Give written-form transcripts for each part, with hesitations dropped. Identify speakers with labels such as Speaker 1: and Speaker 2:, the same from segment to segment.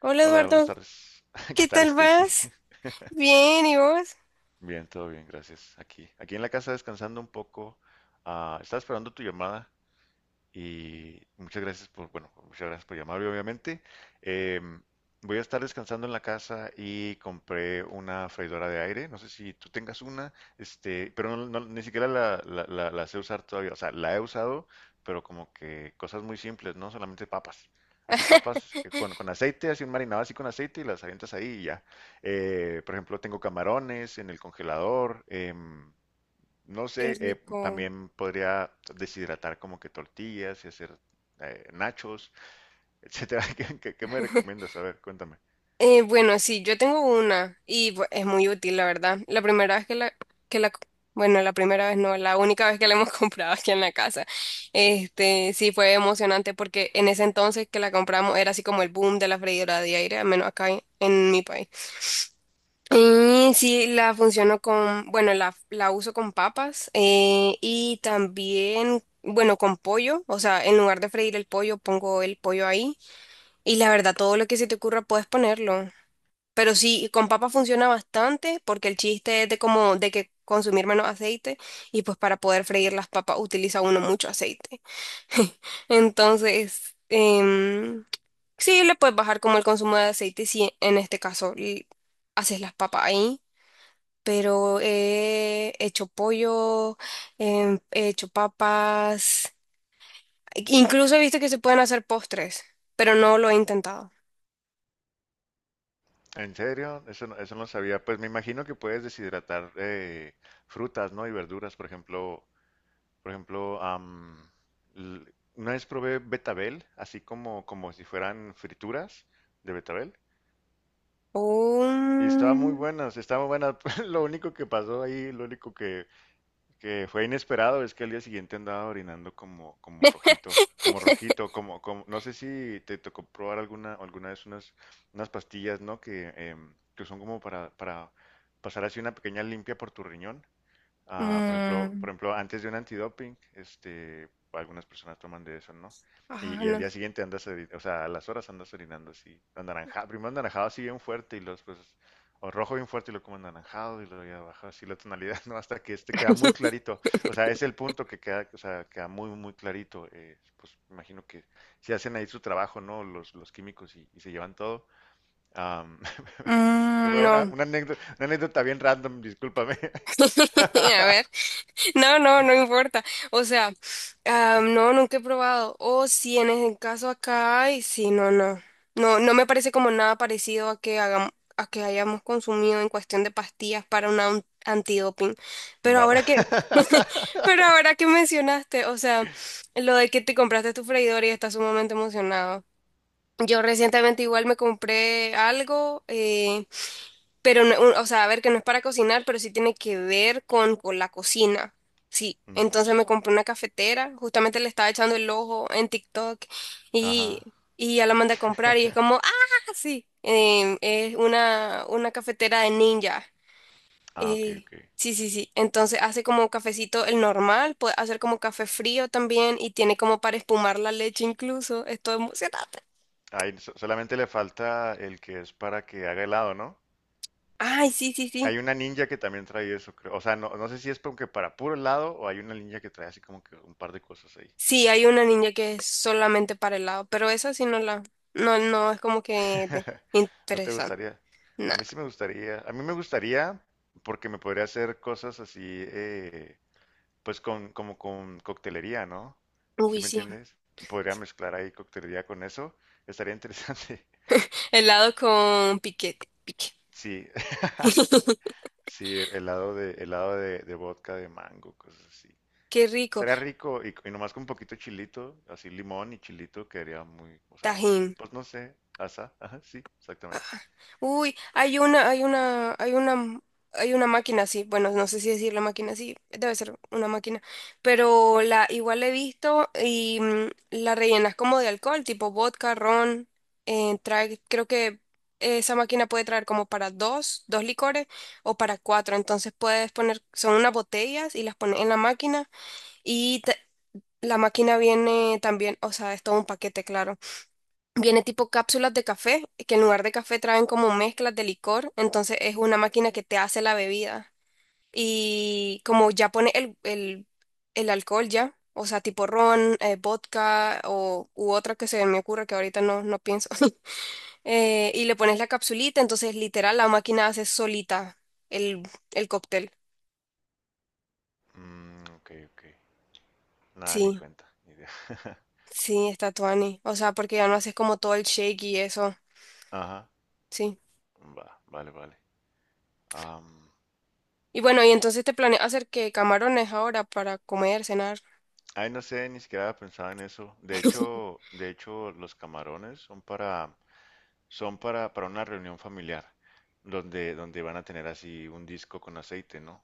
Speaker 1: Hola
Speaker 2: Hola, buenas
Speaker 1: Eduardo,
Speaker 2: tardes. ¿Qué
Speaker 1: ¿qué
Speaker 2: tal,
Speaker 1: tal
Speaker 2: Stacy?
Speaker 1: vas? Bien, ¿y vos?
Speaker 2: Bien, todo bien, gracias. Aquí en la casa descansando un poco. Ah, estaba esperando tu llamada. Y bueno, muchas gracias por llamarme, obviamente. Eh, voy a estar descansando en la casa y compré una freidora de aire. No sé si tú tengas una, este, pero ni siquiera la sé usar todavía. O sea, la he usado, pero como que cosas muy simples, no solamente papas. Así papas que con aceite, así un marinado así con aceite y las avientas ahí y ya. Por ejemplo, tengo camarones en el congelador. No
Speaker 1: Qué
Speaker 2: sé,
Speaker 1: rico.
Speaker 2: también podría deshidratar como que tortillas y hacer nachos, etcétera. ¿ Qué me recomiendas? A ver, cuéntame.
Speaker 1: Bueno, sí, yo tengo una y es muy útil, la verdad. La primera vez que la, bueno, la primera vez no, la única vez que la hemos comprado aquí en la casa. Este, sí fue emocionante porque en ese entonces que la compramos era así como el boom de la freidora de aire, al menos acá en mi país. Y sí, la funciono con, bueno, la uso con papas, y también, bueno, con pollo. O sea, en lugar de freír el pollo, pongo el pollo ahí. Y la verdad, todo lo que se te ocurra puedes ponerlo. Pero sí, con papas funciona bastante porque el chiste es de como, de que consumir menos aceite, y pues para poder freír las papas utiliza uno mucho aceite. Entonces, sí, le puedes bajar como el consumo de aceite si en este caso y haces las papas ahí, pero he hecho pollo, he hecho papas, incluso he visto que se pueden hacer postres, pero no lo he intentado.
Speaker 2: ¿En serio? Eso no sabía. Pues me imagino que puedes deshidratar frutas, ¿no? Y verduras, por ejemplo, l- una vez probé betabel, así como si fueran frituras de betabel. Y estaba muy
Speaker 1: Un-
Speaker 2: buenas, estaba muy buena. Lo único que pasó ahí, lo único que fue inesperado es que al día siguiente andaba orinando como rojito, no sé si te tocó probar alguna vez unas pastillas, ¿no? Que son como para pasar así una pequeña limpia por tu riñón. Ah,
Speaker 1: mm,
Speaker 2: por ejemplo, antes de un antidoping, este, algunas personas toman de eso, ¿no?
Speaker 1: ah,
Speaker 2: Y al
Speaker 1: no.
Speaker 2: día siguiente o sea, a las horas andas orinando así, anaranjado, primero anaranjado así bien fuerte y los pues, o rojo bien fuerte y lo como anaranjado y luego ya baja así la tonalidad, ¿no? Hasta que este queda muy clarito, o sea, es el punto que queda, o sea, queda muy, muy clarito, pues imagino que si hacen ahí su trabajo, ¿no? Los químicos y se llevan todo. Am,
Speaker 1: Mm, no.
Speaker 2: Una anécdota bien random, discúlpame.
Speaker 1: A ver. No, no, no importa. O sea, ah, no, nunca he probado. O si en el caso acá hay, sí, no, no. No, no me parece como nada parecido a que hagamos, a que hayamos consumido en cuestión de pastillas para un antidoping. Pero
Speaker 2: Va.
Speaker 1: ahora que, pero ahora que mencionaste, o sea, lo de que te compraste tu freidora y estás sumamente emocionado. Yo recientemente igual me compré algo. Pero, o sea, a ver, que no es para cocinar, pero sí tiene que ver con la cocina. Sí,
Speaker 2: Ujú.
Speaker 1: entonces me compré una cafetera, justamente le estaba echando el ojo en TikTok
Speaker 2: Ajá.
Speaker 1: y ya la mandé a comprar y es como, ah, sí, es una cafetera de ninja.
Speaker 2: Ah, ok,
Speaker 1: Eh,
Speaker 2: ok.
Speaker 1: sí, sí, sí, entonces hace como cafecito el normal, puede hacer como café frío también, y tiene como para espumar la leche incluso, estoy emocionada.
Speaker 2: Ahí solamente le falta el que es para que haga helado, ¿no?
Speaker 1: Ay, sí, sí, sí.
Speaker 2: Hay una ninja que también trae eso, creo. O sea, no sé si es como que para puro helado o hay una ninja que trae así como que un par de cosas ahí.
Speaker 1: Sí, hay una ninja que es solamente para helado, pero esa sí no la, no, no es como que
Speaker 2: ¿No te
Speaker 1: interesante.
Speaker 2: gustaría? A
Speaker 1: Nada.
Speaker 2: mí sí me gustaría. A mí me gustaría porque me podría hacer cosas así, eh, pues como con coctelería, ¿no? ¿Sí
Speaker 1: Uy,
Speaker 2: me
Speaker 1: sí.
Speaker 2: entiendes? Podría mezclar ahí coctelería con eso. Estaría interesante.
Speaker 1: Helado con piquete, pique.
Speaker 2: Sí, sí, helado de vodka de mango, cosas así.
Speaker 1: Qué rico.
Speaker 2: Estaría rico y nomás con un poquito de chilito, así limón y chilito, quedaría muy, o sea,
Speaker 1: Tajín.
Speaker 2: pues no sé, asa, ajá, sí, exactamente.
Speaker 1: Uy, hay una máquina así. Bueno, no sé si decir la máquina así, debe ser una máquina. Pero la igual la he visto, y la rellenas como de alcohol, tipo vodka, ron. Trae, creo que esa máquina puede traer como para dos licores o para cuatro. Entonces puedes poner, son unas botellas y las pones en la máquina y la máquina viene también, o sea, es todo un paquete, claro. Viene tipo cápsulas de café, que en lugar de café traen como mezclas de licor, entonces es una máquina que te hace la bebida. Y como ya pone el alcohol ya, o sea, tipo ron, vodka u otra que se me ocurre que ahorita no pienso. Y le pones la capsulita, entonces literal la máquina hace solita el, el cóctel.
Speaker 2: Mm, ok, ok. Nada, ni
Speaker 1: Sí,
Speaker 2: cuenta, ni idea.
Speaker 1: sí, está tuani. O sea, porque ya no haces como todo el shake y eso.
Speaker 2: Ajá,
Speaker 1: Sí.
Speaker 2: va, vale, vale. Am,
Speaker 1: Y bueno, y entonces te planeas hacer que camarones ahora para comer, cenar.
Speaker 2: ay, no sé, ni siquiera pensaba en eso. De hecho, los camarones son son para una reunión familiar, donde van a tener así un disco con aceite, ¿no?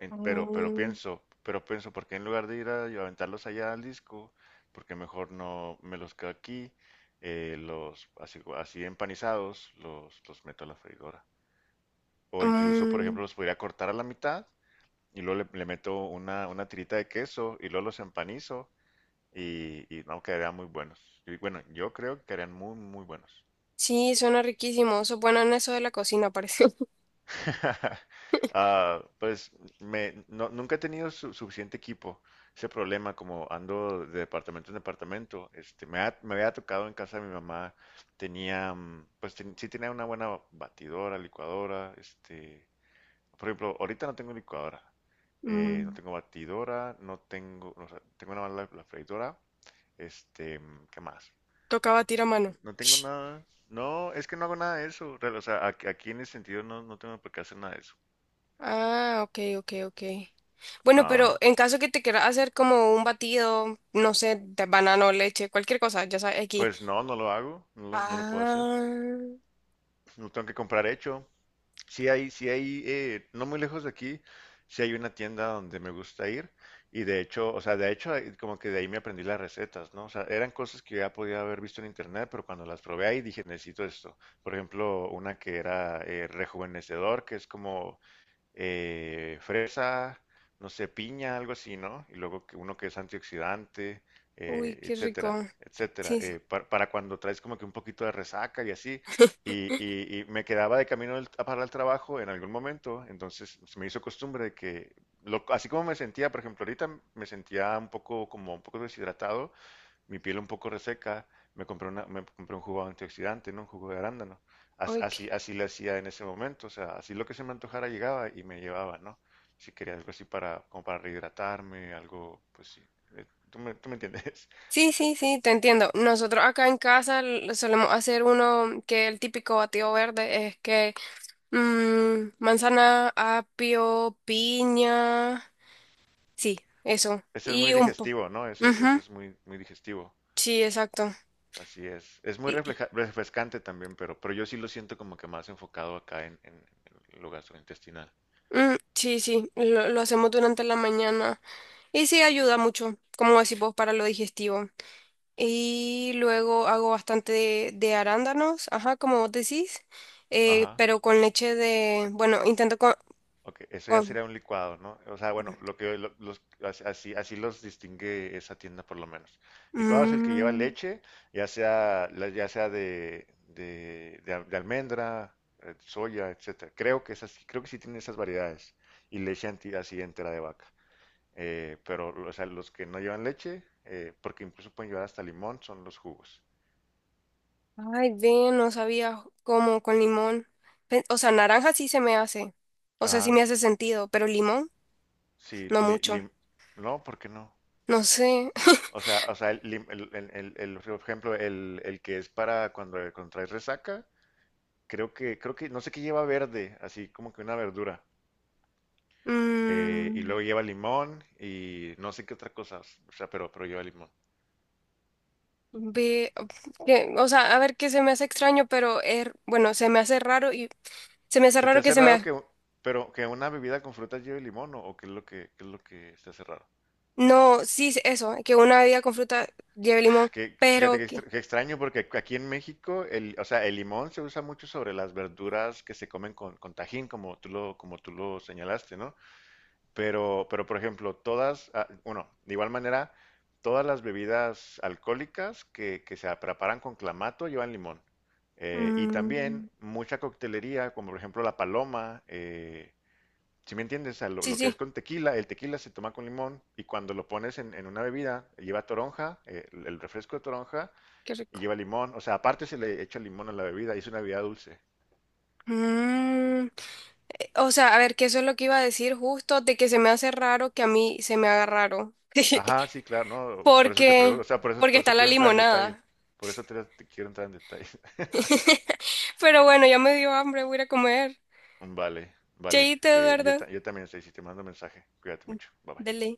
Speaker 1: Mm,
Speaker 2: Pero pienso, ¿por qué en lugar de ir a y aventarlos allá al disco? Porque mejor no me los quedo aquí, los así empanizados, los meto a la freidora. O incluso, por
Speaker 1: mm,
Speaker 2: ejemplo, los podría cortar a la mitad y luego le meto una tirita de queso y luego los empanizo y no, quedarían muy buenos. Y bueno, yo creo que quedarían muy, muy buenos.
Speaker 1: sí, suena riquísimo. Eso bueno en eso de la cocina, parece.
Speaker 2: Ah, pues me, no- nunca he tenido suficiente equipo. Ese problema, como ando de departamento en departamento, este, me había tocado en casa de mi mamá, pues sí tenía una buena batidora, licuadora, este, por ejemplo, ahorita no tengo licuadora, no
Speaker 1: Mm,
Speaker 2: tengo batidora, no tengo, o sea, tengo nada más la freidora, este, ¿qué más?
Speaker 1: Toca batir a mano.
Speaker 2: No tengo nada, no, es que no hago nada de eso, real, o sea, aquí en ese sentido no, no tengo por qué hacer nada de eso.
Speaker 1: Ah, ok, ok, ok. Bueno, pero
Speaker 2: Ajá.
Speaker 1: en caso que te quieras hacer como un batido, no sé, de banano, leche, cualquier cosa, ya sabes, aquí.
Speaker 2: Pues no, no lo hago, no lo puedo hacer.
Speaker 1: Ah,
Speaker 2: No tengo que comprar hecho. Sí hay, no muy lejos de aquí, sí hay una tienda donde me gusta ir. Y de hecho, o sea, de hecho, como que de ahí me aprendí las recetas, ¿no? O sea, eran cosas que ya podía haber visto en internet, pero cuando las probé ahí dije, necesito esto. Por ejemplo, una que era rejuvenecedor, que es como fresa, no sé, piña, algo así, ¿no? Y luego que uno que es antioxidante,
Speaker 1: uy, qué rico.
Speaker 2: etcétera, etcétera,
Speaker 1: Sí, sí.
Speaker 2: para cuando traes como que un poquito de resaca y así. Y me quedaba de camino para el trabajo en algún momento, entonces se me hizo costumbre de que, así como me sentía, por ejemplo, ahorita me sentía un poco como un poco deshidratado, mi piel un poco reseca, me compré un jugo antioxidante, ¿no? Un jugo de arándano.
Speaker 1: Uy,
Speaker 2: Así le hacía en ese momento, o sea, así lo que se me antojara llegaba y me llevaba, ¿no? Si quería algo así como para rehidratarme, algo, pues sí. Tú me entiendes.
Speaker 1: sí, sí, sí, te entiendo. Nosotros acá en casa solemos hacer uno que el típico batido verde es que manzana, apio, piña. Sí, eso.
Speaker 2: Ese es muy
Speaker 1: Y un po.
Speaker 2: digestivo, ¿no? Ese
Speaker 1: Ujú,
Speaker 2: es muy, muy digestivo.
Speaker 1: sí, exacto.
Speaker 2: Así es. Es muy
Speaker 1: Y-
Speaker 2: refrescante también, pero yo sí lo siento como que más enfocado acá en, en lo gastrointestinal.
Speaker 1: sí, sí, lo hacemos durante la mañana. Y sí, ayuda mucho, como decís vos, para lo digestivo. Y luego hago bastante de arándanos, ajá, como vos decís.
Speaker 2: Ajá.
Speaker 1: Pero con leche de. Bueno, intento con.
Speaker 2: Ok, eso ya
Speaker 1: con-
Speaker 2: sería un licuado, ¿no? O sea, bueno, lo que lo- los, as- así, los distingue esa tienda por lo menos. Licuado es el que lleva
Speaker 1: Mm,
Speaker 2: leche, ya sea de almendra, soya, etcétera. Creo que sí tienen esas variedades. Y leche así entera de vaca. Pero, o sea, los que no llevan leche, porque incluso pueden llevar hasta limón, son los jugos.
Speaker 1: Ay, ven, no sabía cómo con limón. O sea, naranja sí se me hace. O sea, sí me
Speaker 2: Ajá,
Speaker 1: hace sentido, pero limón,
Speaker 2: sí,
Speaker 1: no mucho.
Speaker 2: no, ¿por qué no?
Speaker 1: No sé.
Speaker 2: O sea, por ejemplo, el que es para cuando contraes resaca, creo que, no sé qué lleva verde, así como que una verdura. Y
Speaker 1: Mm,
Speaker 2: luego lleva limón y no sé qué otra cosa, o sea, pero lleva limón.
Speaker 1: Ve, o sea, a ver qué se me hace extraño, pero bueno, se me hace raro y se me hace
Speaker 2: ¿Se te
Speaker 1: raro que
Speaker 2: hace
Speaker 1: se me.
Speaker 2: raro pero que una bebida con frutas lleve limón o qué es lo que, se hace raro?
Speaker 1: No, sí, es eso, que una bebida con fruta lleve
Speaker 2: Ah,
Speaker 1: limón,
Speaker 2: fíjate
Speaker 1: pero que.
Speaker 2: que extraño porque aquí en México, o sea, el limón se usa mucho sobre las verduras que se comen con tajín, como tú lo señalaste, ¿no? Pero por ejemplo, ah, bueno, de igual manera, todas las bebidas alcohólicas que se preparan con clamato llevan limón. Y también
Speaker 1: mm,
Speaker 2: mucha coctelería, como por ejemplo la paloma, si me entiendes. O sea,
Speaker 1: sí,
Speaker 2: lo que
Speaker 1: sí,
Speaker 2: es con tequila, el tequila se toma con limón y cuando lo pones en una bebida lleva toronja, el refresco de toronja
Speaker 1: qué
Speaker 2: y
Speaker 1: rico.
Speaker 2: lleva limón, o sea, aparte se le echa limón a la bebida y es una bebida dulce.
Speaker 1: Mm, O sea, a ver, que eso es lo que iba a decir justo, de que se me hace raro que a mí se me haga raro.
Speaker 2: Ajá, sí, claro, no, pues por eso te pregunto,
Speaker 1: Porque,
Speaker 2: o sea,
Speaker 1: porque
Speaker 2: por
Speaker 1: está
Speaker 2: eso
Speaker 1: la
Speaker 2: quiero entrar en detalles,
Speaker 1: limonada.
Speaker 2: por eso te quiero entrar en detalles.
Speaker 1: Pero bueno, ya me dio hambre, voy a ir a comer.
Speaker 2: Vale, vale.
Speaker 1: Cheíte,
Speaker 2: Eh, yo,
Speaker 1: Eduardo.
Speaker 2: ta- yo también, Stacy, te mando mensaje. Cuídate mucho. Bye bye.
Speaker 1: Dele.